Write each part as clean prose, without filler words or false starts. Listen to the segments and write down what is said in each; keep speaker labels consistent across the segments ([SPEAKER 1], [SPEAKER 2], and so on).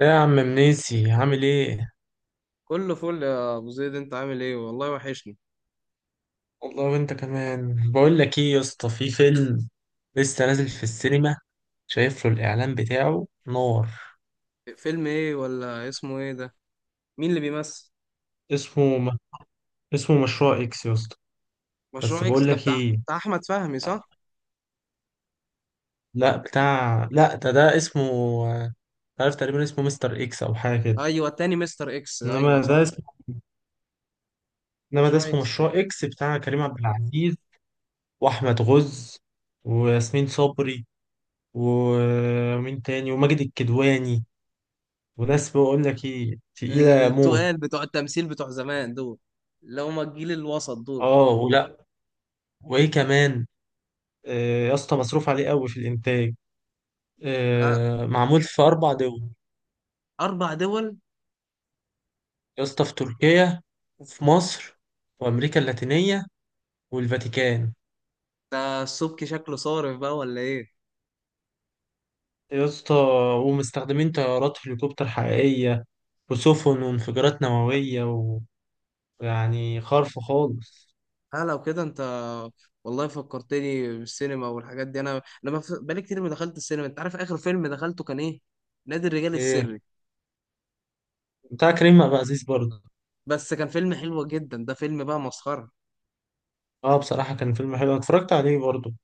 [SPEAKER 1] إيه يا عم منيسي؟ عامل ايه؟
[SPEAKER 2] كله فل يا ابو زيد، انت عامل ايه؟ والله وحشني.
[SPEAKER 1] والله وانت كمان. بقول لك ايه يا اسطى، في فيلم لسه نازل في السينما، شايف له الاعلان بتاعه نار.
[SPEAKER 2] فيلم ايه ولا اسمه ايه ده؟ مين اللي بيمثل؟
[SPEAKER 1] اسمه م... اسمه مشروع اكس يا اسطى. بس
[SPEAKER 2] مشروع اكس
[SPEAKER 1] بقول
[SPEAKER 2] ده
[SPEAKER 1] لك
[SPEAKER 2] بتاع،
[SPEAKER 1] ايه،
[SPEAKER 2] بتاع احمد فهمي، صح؟
[SPEAKER 1] لا بتاع، لا ده اسمه، آه، عارف، تقريبا اسمه مستر اكس او حاجه كده.
[SPEAKER 2] ايوه، التاني مستر اكس،
[SPEAKER 1] انما
[SPEAKER 2] ايوه
[SPEAKER 1] ده
[SPEAKER 2] صح.
[SPEAKER 1] اسمه انما ده
[SPEAKER 2] مشروع
[SPEAKER 1] اسمه
[SPEAKER 2] اكس.
[SPEAKER 1] مشروع اكس بتاع كريم عبد العزيز، واحمد غز، وياسمين صبري، ومين تاني، وماجد الكدواني، وناس بقول لك ايه تقيلة موت.
[SPEAKER 2] التقال بتوع التمثيل بتوع زمان دول، اللي هما الجيل الوسط دول.
[SPEAKER 1] اه ولا، وايه كمان. يا اسطى مصروف عليه قوي في الانتاج.
[SPEAKER 2] لا،
[SPEAKER 1] معمول في اربع دول
[SPEAKER 2] اربع دول؟
[SPEAKER 1] يا اسطى، في تركيا، وفي مصر، وامريكا اللاتينية، والفاتيكان.
[SPEAKER 2] ده السبكي شكله صارف بقى ولا ايه؟
[SPEAKER 1] يا اسطى ومستخدمين طيارات هليكوبتر حقيقية، وسفن، وانفجارات نووية، ويعني خرف خالص.
[SPEAKER 2] ها لو كده انت، والله فكرتني بالسينما والحاجات دي. انا بقالي كتير ما دخلت السينما. انت عارف اخر فيلم دخلته كان ايه؟ نادي الرجال
[SPEAKER 1] ايه،
[SPEAKER 2] السري.
[SPEAKER 1] بتاع كريم عبد العزيز برضه.
[SPEAKER 2] بس كان فيلم حلو جدا، ده فيلم بقى مسخرة.
[SPEAKER 1] اه بصراحة كان فيلم حلو، أنا اتفرجت عليه برضه.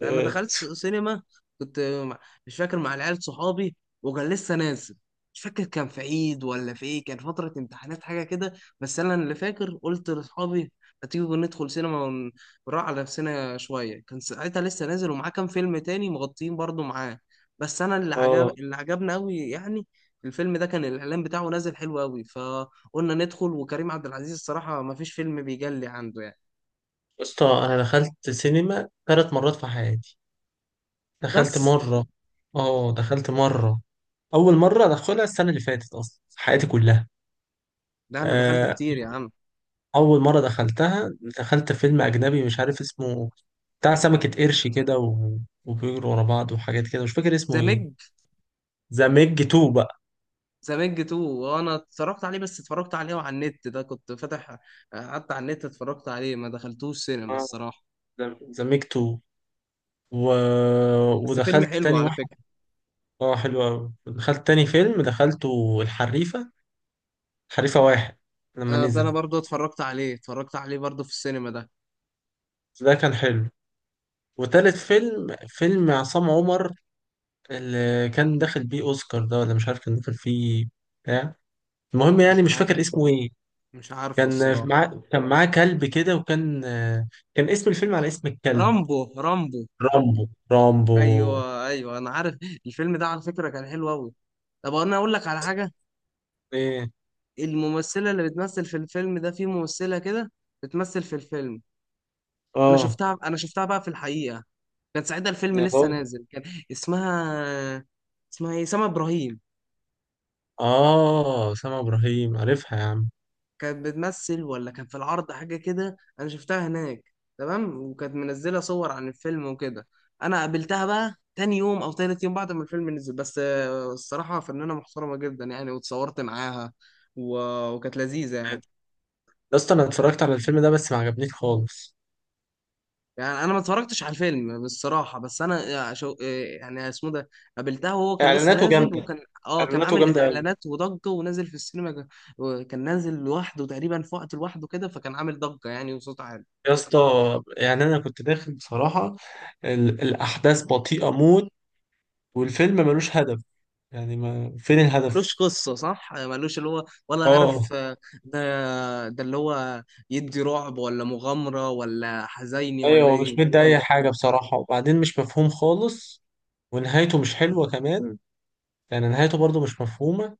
[SPEAKER 2] ده انا
[SPEAKER 1] اه.
[SPEAKER 2] دخلت سينما، كنت مع- مش فاكر، مع العيال صحابي، وكان لسه نازل. مش فاكر كان في عيد ولا في ايه، كان فترة امتحانات حاجة كده. بس انا اللي فاكر قلت لاصحابي: ما تيجي ندخل سينما ونروح على نفسنا شوية. كان ساعتها لسه نازل ومعاه كام فيلم تاني مغطيين برضو معاه. بس انا اللي عجب،
[SPEAKER 1] آه.
[SPEAKER 2] اللي عجبنا قوي يعني. الفيلم ده كان الاعلان بتاعه نازل حلو قوي، فقلنا ندخل، وكريم عبد العزيز الصراحة ما فيش فيلم بيجلي عنده يعني.
[SPEAKER 1] يا اسطى، انا دخلت سينما ثلاث مرات في حياتي. دخلت
[SPEAKER 2] بس
[SPEAKER 1] مره، اه دخلت مره، اول مره ادخلها السنه اللي فاتت اصلا في حياتي كلها.
[SPEAKER 2] ده انا دخلت
[SPEAKER 1] آه،
[SPEAKER 2] كتير يا عم.
[SPEAKER 1] اول مره دخلتها، دخلت فيلم اجنبي مش عارف اسمه، بتاع سمكه قرش كده وبيجروا ورا بعض وحاجات كده، مش فاكر
[SPEAKER 2] ذا
[SPEAKER 1] اسمه ايه.
[SPEAKER 2] ميج.
[SPEAKER 1] ذا ميج 2 بقى.
[SPEAKER 2] ذا ميج 2، وانا اتفرجت عليه، بس اتفرجت عليه وعلى النت، ده كنت فاتح. قعدت على النت اتفرجت عليه، ما دخلتوش سينما
[SPEAKER 1] اه
[SPEAKER 2] الصراحه.
[SPEAKER 1] ذا ميج 2 و...
[SPEAKER 2] بس فيلم
[SPEAKER 1] ودخلت
[SPEAKER 2] حلو
[SPEAKER 1] تاني
[SPEAKER 2] على
[SPEAKER 1] واحد.
[SPEAKER 2] فكره.
[SPEAKER 1] اه حلو قوي، دخلت تاني فيلم دخلته الحريفه، الحريفه واحد لما
[SPEAKER 2] آه، ده انا
[SPEAKER 1] نزل،
[SPEAKER 2] برضو اتفرجت عليه برضو في السينما ده.
[SPEAKER 1] ده كان حلو. وتالت فيلم، فيلم عصام عمر اللي كان داخل بيه اوسكار، ده ولا مش عارف كان داخل فيه. بتاع، المهم يعني
[SPEAKER 2] مش
[SPEAKER 1] مش
[SPEAKER 2] عارف،
[SPEAKER 1] فاكر اسمه ايه.
[SPEAKER 2] مش عارفه
[SPEAKER 1] كان
[SPEAKER 2] الصراحه.
[SPEAKER 1] معاه كان معاه كلب كده، وكان، كان اسم الفيلم على اسم الكلب،
[SPEAKER 2] رامبو، رامبو.
[SPEAKER 1] رامبو. رامبو،
[SPEAKER 2] ايوه ايوه انا عارف. الفيلم ده على فكره كان حلو قوي. طب انا اقول لك على حاجه.
[SPEAKER 1] ايه
[SPEAKER 2] الممثله اللي بتمثل في الفيلم ده، في ممثله كده بتمثل في الفيلم. انا
[SPEAKER 1] اه.
[SPEAKER 2] شفتها انا شفتها بقى في الحقيقه. كان ساعتها الفيلم
[SPEAKER 1] يا
[SPEAKER 2] لسه
[SPEAKER 1] بابا
[SPEAKER 2] نازل، كان. اسمها اسمها ايه، سما ابراهيم.
[SPEAKER 1] اه، سامع ابراهيم، عارفها يا عم.
[SPEAKER 2] كانت بتمثل ولا كان في العرض حاجه كده، انا شفتها هناك. تمام، وكانت منزله صور عن الفيلم وكده. انا قابلتها بقى تاني يوم او تالت يوم بعد ما الفيلم نزل. بس آه، الصراحه فنانه محترمه جدا يعني، واتصورت معاها. و... وكانت لذيذه يعني.
[SPEAKER 1] يا اسطى انا اتفرجت على الفيلم ده بس ما عجبنيش خالص.
[SPEAKER 2] يعني انا ما اتفرجتش على الفيلم بالصراحه، بس انا شو يعني اسمه ده، قابلتها وهو كان لسه
[SPEAKER 1] اعلاناته
[SPEAKER 2] نازل،
[SPEAKER 1] جامده،
[SPEAKER 2] وكان. اه كان
[SPEAKER 1] اعلاناته
[SPEAKER 2] عامل
[SPEAKER 1] جامده.
[SPEAKER 2] اعلانات وضجه ونازل في السينما وكان نازل لوحده تقريبا في وقت لوحده كده، فكان عامل ضجه يعني وصوت عالي.
[SPEAKER 1] يا اسطى، يعني انا كنت داخل بصراحه، الاحداث بطيئه موت، والفيلم ملوش هدف، يعني ما فين الهدف.
[SPEAKER 2] ملوش قصه صح، ملوش اللي هو ولا
[SPEAKER 1] اه
[SPEAKER 2] عارف آه، ده اللي هو يدي رعب ولا مغامره ولا حزيني ولا
[SPEAKER 1] ايوه،
[SPEAKER 2] ايه، ما
[SPEAKER 1] مش مدي اي
[SPEAKER 2] تفهمش.
[SPEAKER 1] حاجه بصراحه، وبعدين مش مفهوم خالص، ونهايته مش حلوه كمان، يعني نهايته برضو مش مفهومه.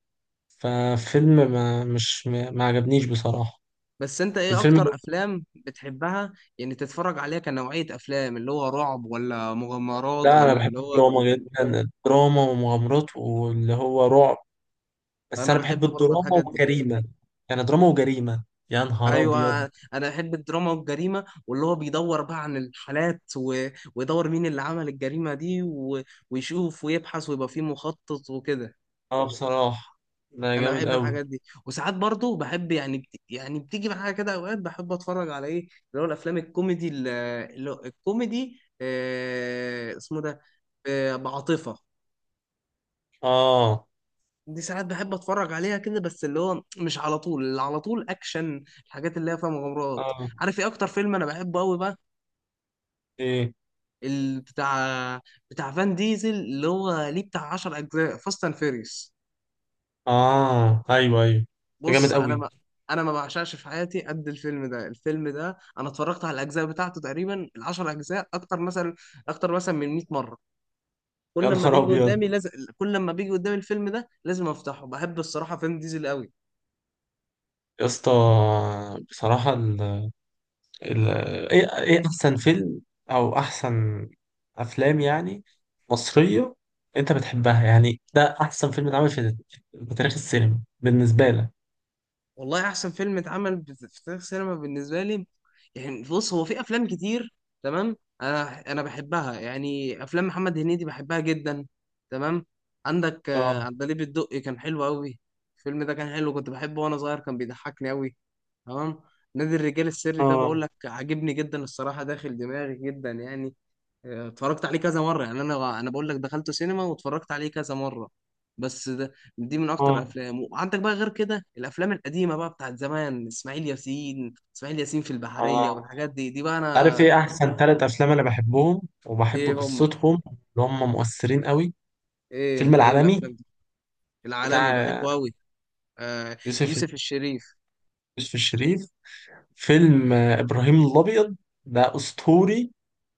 [SPEAKER 1] ففيلم ما مش ما ما عجبنيش بصراحه.
[SPEAKER 2] بس انت ايه
[SPEAKER 1] الفيلم،
[SPEAKER 2] اكتر افلام بتحبها؟ يعني تتفرج عليها كنوعيه افلام، اللي هو رعب ولا مغامرات
[SPEAKER 1] لا انا
[SPEAKER 2] ولا اللي
[SPEAKER 1] بحب
[SPEAKER 2] هو.
[SPEAKER 1] الدراما جدا، الدراما ومغامرات واللي هو رعب، بس
[SPEAKER 2] انا
[SPEAKER 1] انا
[SPEAKER 2] بحب
[SPEAKER 1] بحب
[SPEAKER 2] برضه
[SPEAKER 1] الدراما
[SPEAKER 2] الحاجات دي.
[SPEAKER 1] والجريمه، يعني دراما وجريمه. يا نهار ابيض.
[SPEAKER 2] ايوه، انا بحب الدراما والجريمه، واللي هو بيدور بقى عن الحالات، و... ويدور مين اللي عمل الجريمه دي، و... ويشوف ويبحث ويبقى فيه مخطط وكده.
[SPEAKER 1] اه بصراحة ده
[SPEAKER 2] انا
[SPEAKER 1] جامد
[SPEAKER 2] بحب
[SPEAKER 1] قوي.
[SPEAKER 2] الحاجات دي، وساعات برضه بحب يعني يعني بتيجي معايا كده اوقات، بحب اتفرج على ايه اللي هو الافلام الكوميدي، اللي هو الكوميدي، اسمه ده، بعاطفه.
[SPEAKER 1] اه،
[SPEAKER 2] دي ساعات بحب اتفرج عليها كده، بس اللي هو مش على طول، اللي على طول اكشن الحاجات اللي هي فيها مغامرات.
[SPEAKER 1] اه
[SPEAKER 2] عارف ايه اكتر فيلم انا بحبه قوي بقى؟
[SPEAKER 1] ايه،
[SPEAKER 2] بتاع فان ديزل، اللي هو ليه بتاع 10 اجزاء، فاست اند فيريس.
[SPEAKER 1] اه ايوه ايوه، ده جامد
[SPEAKER 2] بص انا
[SPEAKER 1] قوي.
[SPEAKER 2] ما انا ما بعشقش في حياتي قد الفيلم ده. الفيلم ده انا اتفرجت على الاجزاء بتاعته تقريبا، العشر اجزاء، اكتر مثلا من 100 مره. كل
[SPEAKER 1] يا
[SPEAKER 2] لما
[SPEAKER 1] نهار
[SPEAKER 2] بيجي
[SPEAKER 1] ابيض.
[SPEAKER 2] قدامي لازم، كل لما بيجي قدامي الفيلم ده لازم افتحه. بحب الصراحه فان ديزل قوي.
[SPEAKER 1] يا اسطى، بصراحة ال... ايه ايه، احسن فيلم او احسن افلام يعني مصرية انت بتحبها، يعني ده احسن فيلم اتعمل في في تاريخ السينما بالنسبة لك؟
[SPEAKER 2] والله احسن فيلم اتعمل في تاريخ السينما بالنسبه لي، يعني بص، هو في افلام كتير، تمام. انا بحبها يعني، افلام محمد هنيدي بحبها جدا، تمام. عندك آه،
[SPEAKER 1] اه،
[SPEAKER 2] عندليب الدقي كان حلو قوي. الفيلم ده كان حلو، كنت بحبه وانا صغير، كان بيضحكني قوي، تمام. نادي الرجال السري ده
[SPEAKER 1] اه،
[SPEAKER 2] بقول لك عاجبني جدا الصراحه، داخل دماغي جدا يعني. اتفرجت عليه كذا مرة يعني، انا بقول لك دخلته سينما واتفرجت عليه كذا مرة. بس ده، دي من اكتر
[SPEAKER 1] اه،
[SPEAKER 2] الافلام. وعندك بقى غير كده الافلام القديمة بقى بتاعت زمان، اسماعيل ياسين، اسماعيل ياسين في البحرية
[SPEAKER 1] اه.
[SPEAKER 2] والحاجات دي، دي بقى
[SPEAKER 1] عارف
[SPEAKER 2] انا.
[SPEAKER 1] ايه احسن ثلاث افلام انا بحبهم وبحب
[SPEAKER 2] ايه هم؟
[SPEAKER 1] قصتهم، اللي هم مؤثرين قوي؟
[SPEAKER 2] ايه
[SPEAKER 1] فيلم
[SPEAKER 2] ايه
[SPEAKER 1] العالمي
[SPEAKER 2] الافلام دي؟ العالمي
[SPEAKER 1] بتاع
[SPEAKER 2] بحبه قوي. آه،
[SPEAKER 1] يوسف،
[SPEAKER 2] يوسف الشريف.
[SPEAKER 1] يوسف الشريف. فيلم إبراهيم الأبيض، ده أسطوري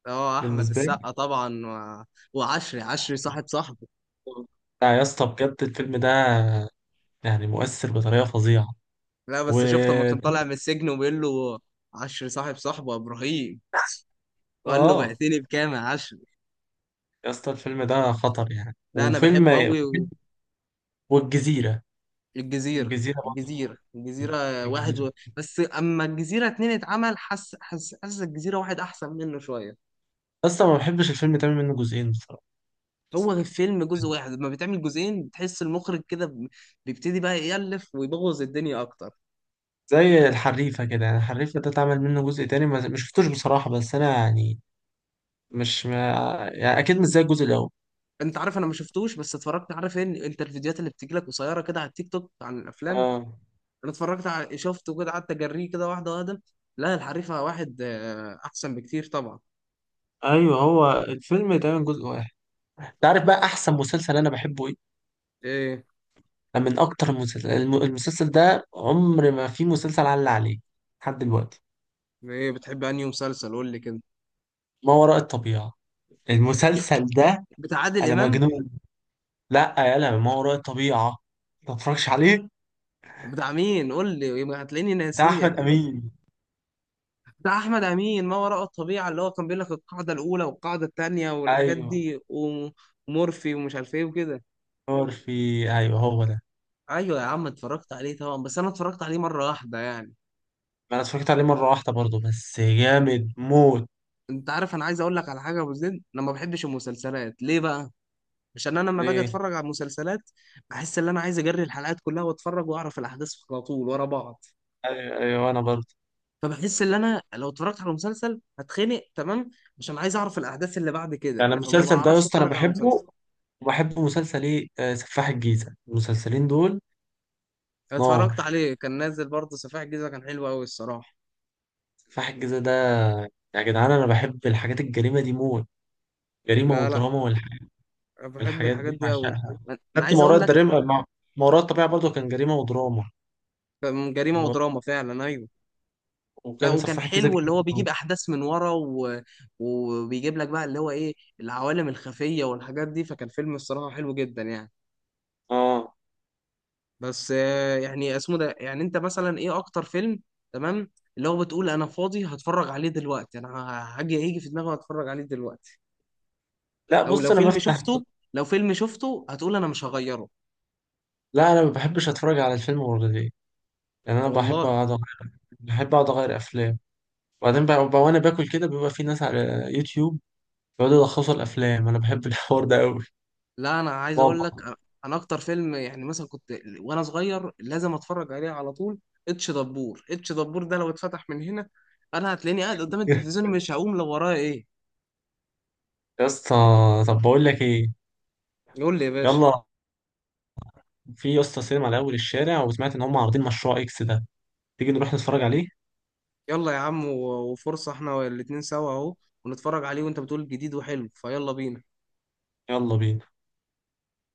[SPEAKER 2] اه احمد
[SPEAKER 1] بالنسبة لي.
[SPEAKER 2] السقا طبعا. و... وعشري، عشري صاحب صاحبه.
[SPEAKER 1] لا يا اسطى بجد، الفيلم ده يعني مؤثر بطريقة فظيعة.
[SPEAKER 2] لا
[SPEAKER 1] و
[SPEAKER 2] بس شفت لما كان طالع من السجن وبيقول له: عشري صاحب صاحبه يا ابراهيم. وقال له:
[SPEAKER 1] اه.
[SPEAKER 2] بعتني بكام يا عشري؟
[SPEAKER 1] يا اسطى الفيلم ده خطر يعني،
[SPEAKER 2] لا انا
[SPEAKER 1] وفيلم
[SPEAKER 2] بحبه قوي.
[SPEAKER 1] والجزيرة،
[SPEAKER 2] الجزيره
[SPEAKER 1] الجزيرة برضه،
[SPEAKER 2] الجزيره واحد.
[SPEAKER 1] الجزيرة.
[SPEAKER 2] و... بس اما الجزيره اتنين اتعمل، حس حس حس الجزيره واحد احسن منه شويه.
[SPEAKER 1] اصلا ما بحبش الفيلم تعمل منه جزئين بصراحة.
[SPEAKER 2] هو فيلم جزء واحد، لما بتعمل جزئين بتحس المخرج كده بيبتدي بقى يألف ويبوظ الدنيا اكتر.
[SPEAKER 1] زي الحريفة كده، يعني الحريفة ده اتعمل منه جزء تاني، ما شفتوش بصراحة، بس انا يعني، مش ما يعني اكيد مش زي الجزء
[SPEAKER 2] انت عارف انا ما شفتوش، بس اتفرجت. عارف ان انت الفيديوهات اللي بتجيلك قصيره كده على التيك توك عن الافلام،
[SPEAKER 1] الاول.
[SPEAKER 2] انا اتفرجت على، شفته كده قعدت اجريه كده واحده واحده. لا الحريفه واحد آه، احسن بكتير طبعا.
[SPEAKER 1] ايوه، هو الفيلم دايما جزء واحد. تعرف بقى احسن مسلسل انا بحبه ايه؟
[SPEAKER 2] ايه
[SPEAKER 1] ده من اكتر المسلسل، المسلسل ده عمر ما في مسلسل علق عليه لحد دلوقتي.
[SPEAKER 2] بتحب انهي مسلسل، قول لي كده؟
[SPEAKER 1] ما وراء الطبيعة، المسلسل ده
[SPEAKER 2] بتاع عادل
[SPEAKER 1] انا
[SPEAKER 2] امام؟
[SPEAKER 1] مجنون. لا، يا لا، ما وراء الطبيعة، ما تتفرجش عليه.
[SPEAKER 2] بتاع مين قول لي، يبقى هتلاقيني
[SPEAKER 1] بتاع
[SPEAKER 2] ناسيه
[SPEAKER 1] احمد
[SPEAKER 2] اكيد.
[SPEAKER 1] امين.
[SPEAKER 2] بتاع احمد امين، ما وراء الطبيعه، اللي هو كان بيقول لك القاعده الاولى والقاعده الثانيه والحاجات
[SPEAKER 1] ايوه
[SPEAKER 2] دي، ومورفي ومش عارف ايه وكده.
[SPEAKER 1] نور في، ايوه هو ده.
[SPEAKER 2] ايوه يا عم، اتفرجت عليه طبعا، بس انا اتفرجت عليه مره واحده يعني.
[SPEAKER 1] ما انا اتفرجت عليه مرة واحدة برضه، بس جامد موت.
[SPEAKER 2] انت عارف انا عايز اقول لك على حاجه يا ابو زيد، انا ما بحبش المسلسلات ليه بقى؟ عشان انا لما باجي
[SPEAKER 1] ليه.
[SPEAKER 2] اتفرج على مسلسلات، بحس ان انا عايز اجري الحلقات كلها واتفرج واعرف الاحداث على طول ورا بعض.
[SPEAKER 1] ايوه ايوه انا برضه.
[SPEAKER 2] فبحس ان انا لو اتفرجت على مسلسل هتخنق، تمام، عشان عايز اعرف الاحداث اللي بعد كده،
[SPEAKER 1] يعني
[SPEAKER 2] فما
[SPEAKER 1] المسلسل ده يا
[SPEAKER 2] بعرفش
[SPEAKER 1] اسطى انا
[SPEAKER 2] اتفرج على مسلسل.
[SPEAKER 1] بحبه، وبحب مسلسل ايه، سفاح الجيزة. المسلسلين دول نار.
[SPEAKER 2] اتفرجت عليه كان نازل برضه، سفاح الجيزه كان حلو قوي الصراحه.
[SPEAKER 1] سفاح الجيزة ده، يا جدعان انا بحب الحاجات الجريمة دي موت، جريمة
[SPEAKER 2] لا لا،
[SPEAKER 1] ودراما
[SPEAKER 2] بحب
[SPEAKER 1] والحاجات
[SPEAKER 2] الحاجات
[SPEAKER 1] دي
[SPEAKER 2] دي قوي.
[SPEAKER 1] بعشقها.
[SPEAKER 2] انا
[SPEAKER 1] حتى
[SPEAKER 2] عايز
[SPEAKER 1] ما
[SPEAKER 2] اقول
[SPEAKER 1] وراء
[SPEAKER 2] لك.
[SPEAKER 1] الجريمة، ما وراء الطبيعة برضه كان جريمة ودراما،
[SPEAKER 2] كان جريمه
[SPEAKER 1] و...
[SPEAKER 2] ودراما فعلا، ايوه. لا
[SPEAKER 1] وكان
[SPEAKER 2] وكان
[SPEAKER 1] سفاح الجيزة
[SPEAKER 2] حلو، اللي
[SPEAKER 1] جريمة
[SPEAKER 2] هو بيجيب
[SPEAKER 1] ودراما.
[SPEAKER 2] احداث من ورا، و... وبيجيب لك بقى اللي هو ايه، العوالم الخفيه والحاجات دي، فكان فيلم الصراحه حلو جدا يعني.
[SPEAKER 1] اه.
[SPEAKER 2] بس آه، يعني اسمه ده، يعني انت مثلا ايه اكتر فيلم، تمام، اللي هو بتقول انا فاضي هتفرج عليه دلوقتي، انا ه- هاجي هيجي في دماغي هتفرج عليه دلوقتي؟
[SPEAKER 1] لا
[SPEAKER 2] او
[SPEAKER 1] بص
[SPEAKER 2] لو
[SPEAKER 1] انا
[SPEAKER 2] فيلم
[SPEAKER 1] بفتح،
[SPEAKER 2] شفته، لو فيلم شفته هتقول انا مش هغيره؟
[SPEAKER 1] لا انا ما بحبش اتفرج على الفيلم مرتين، يعني انا بحب
[SPEAKER 2] والله،
[SPEAKER 1] اقعد أغير- بحب اقعد اغير افلام. وبعدين بقى وانا باكل كده، بيبقى في ناس على يوتيوب بيقعدوا يلخصوا الافلام، انا بحب الحوار ده قوي.
[SPEAKER 2] لا انا عايز
[SPEAKER 1] بابا.
[SPEAKER 2] اقول لك. انا اكتر فيلم، يعني مثلا كنت وانا صغير لازم اتفرج عليه على طول، اتش دبور. ده لو اتفتح من هنا، انا هتلاقيني قاعد قدام التلفزيون مش هقوم لو ورايا ايه.
[SPEAKER 1] يا اسطى، طب بقول لك ايه.
[SPEAKER 2] قول لي يا باشا.
[SPEAKER 1] يلا، في يا اسطى سينما على اول الشارع، وسمعت ان هم عارضين مشروع اكس ده، تيجي نروح نتفرج عليه؟
[SPEAKER 2] يلا يا عم، وفرصة احنا الاتنين سوا اهو، ونتفرج عليه، وانت بتقول جديد وحلو، فيلا بينا.
[SPEAKER 1] يلا بينا.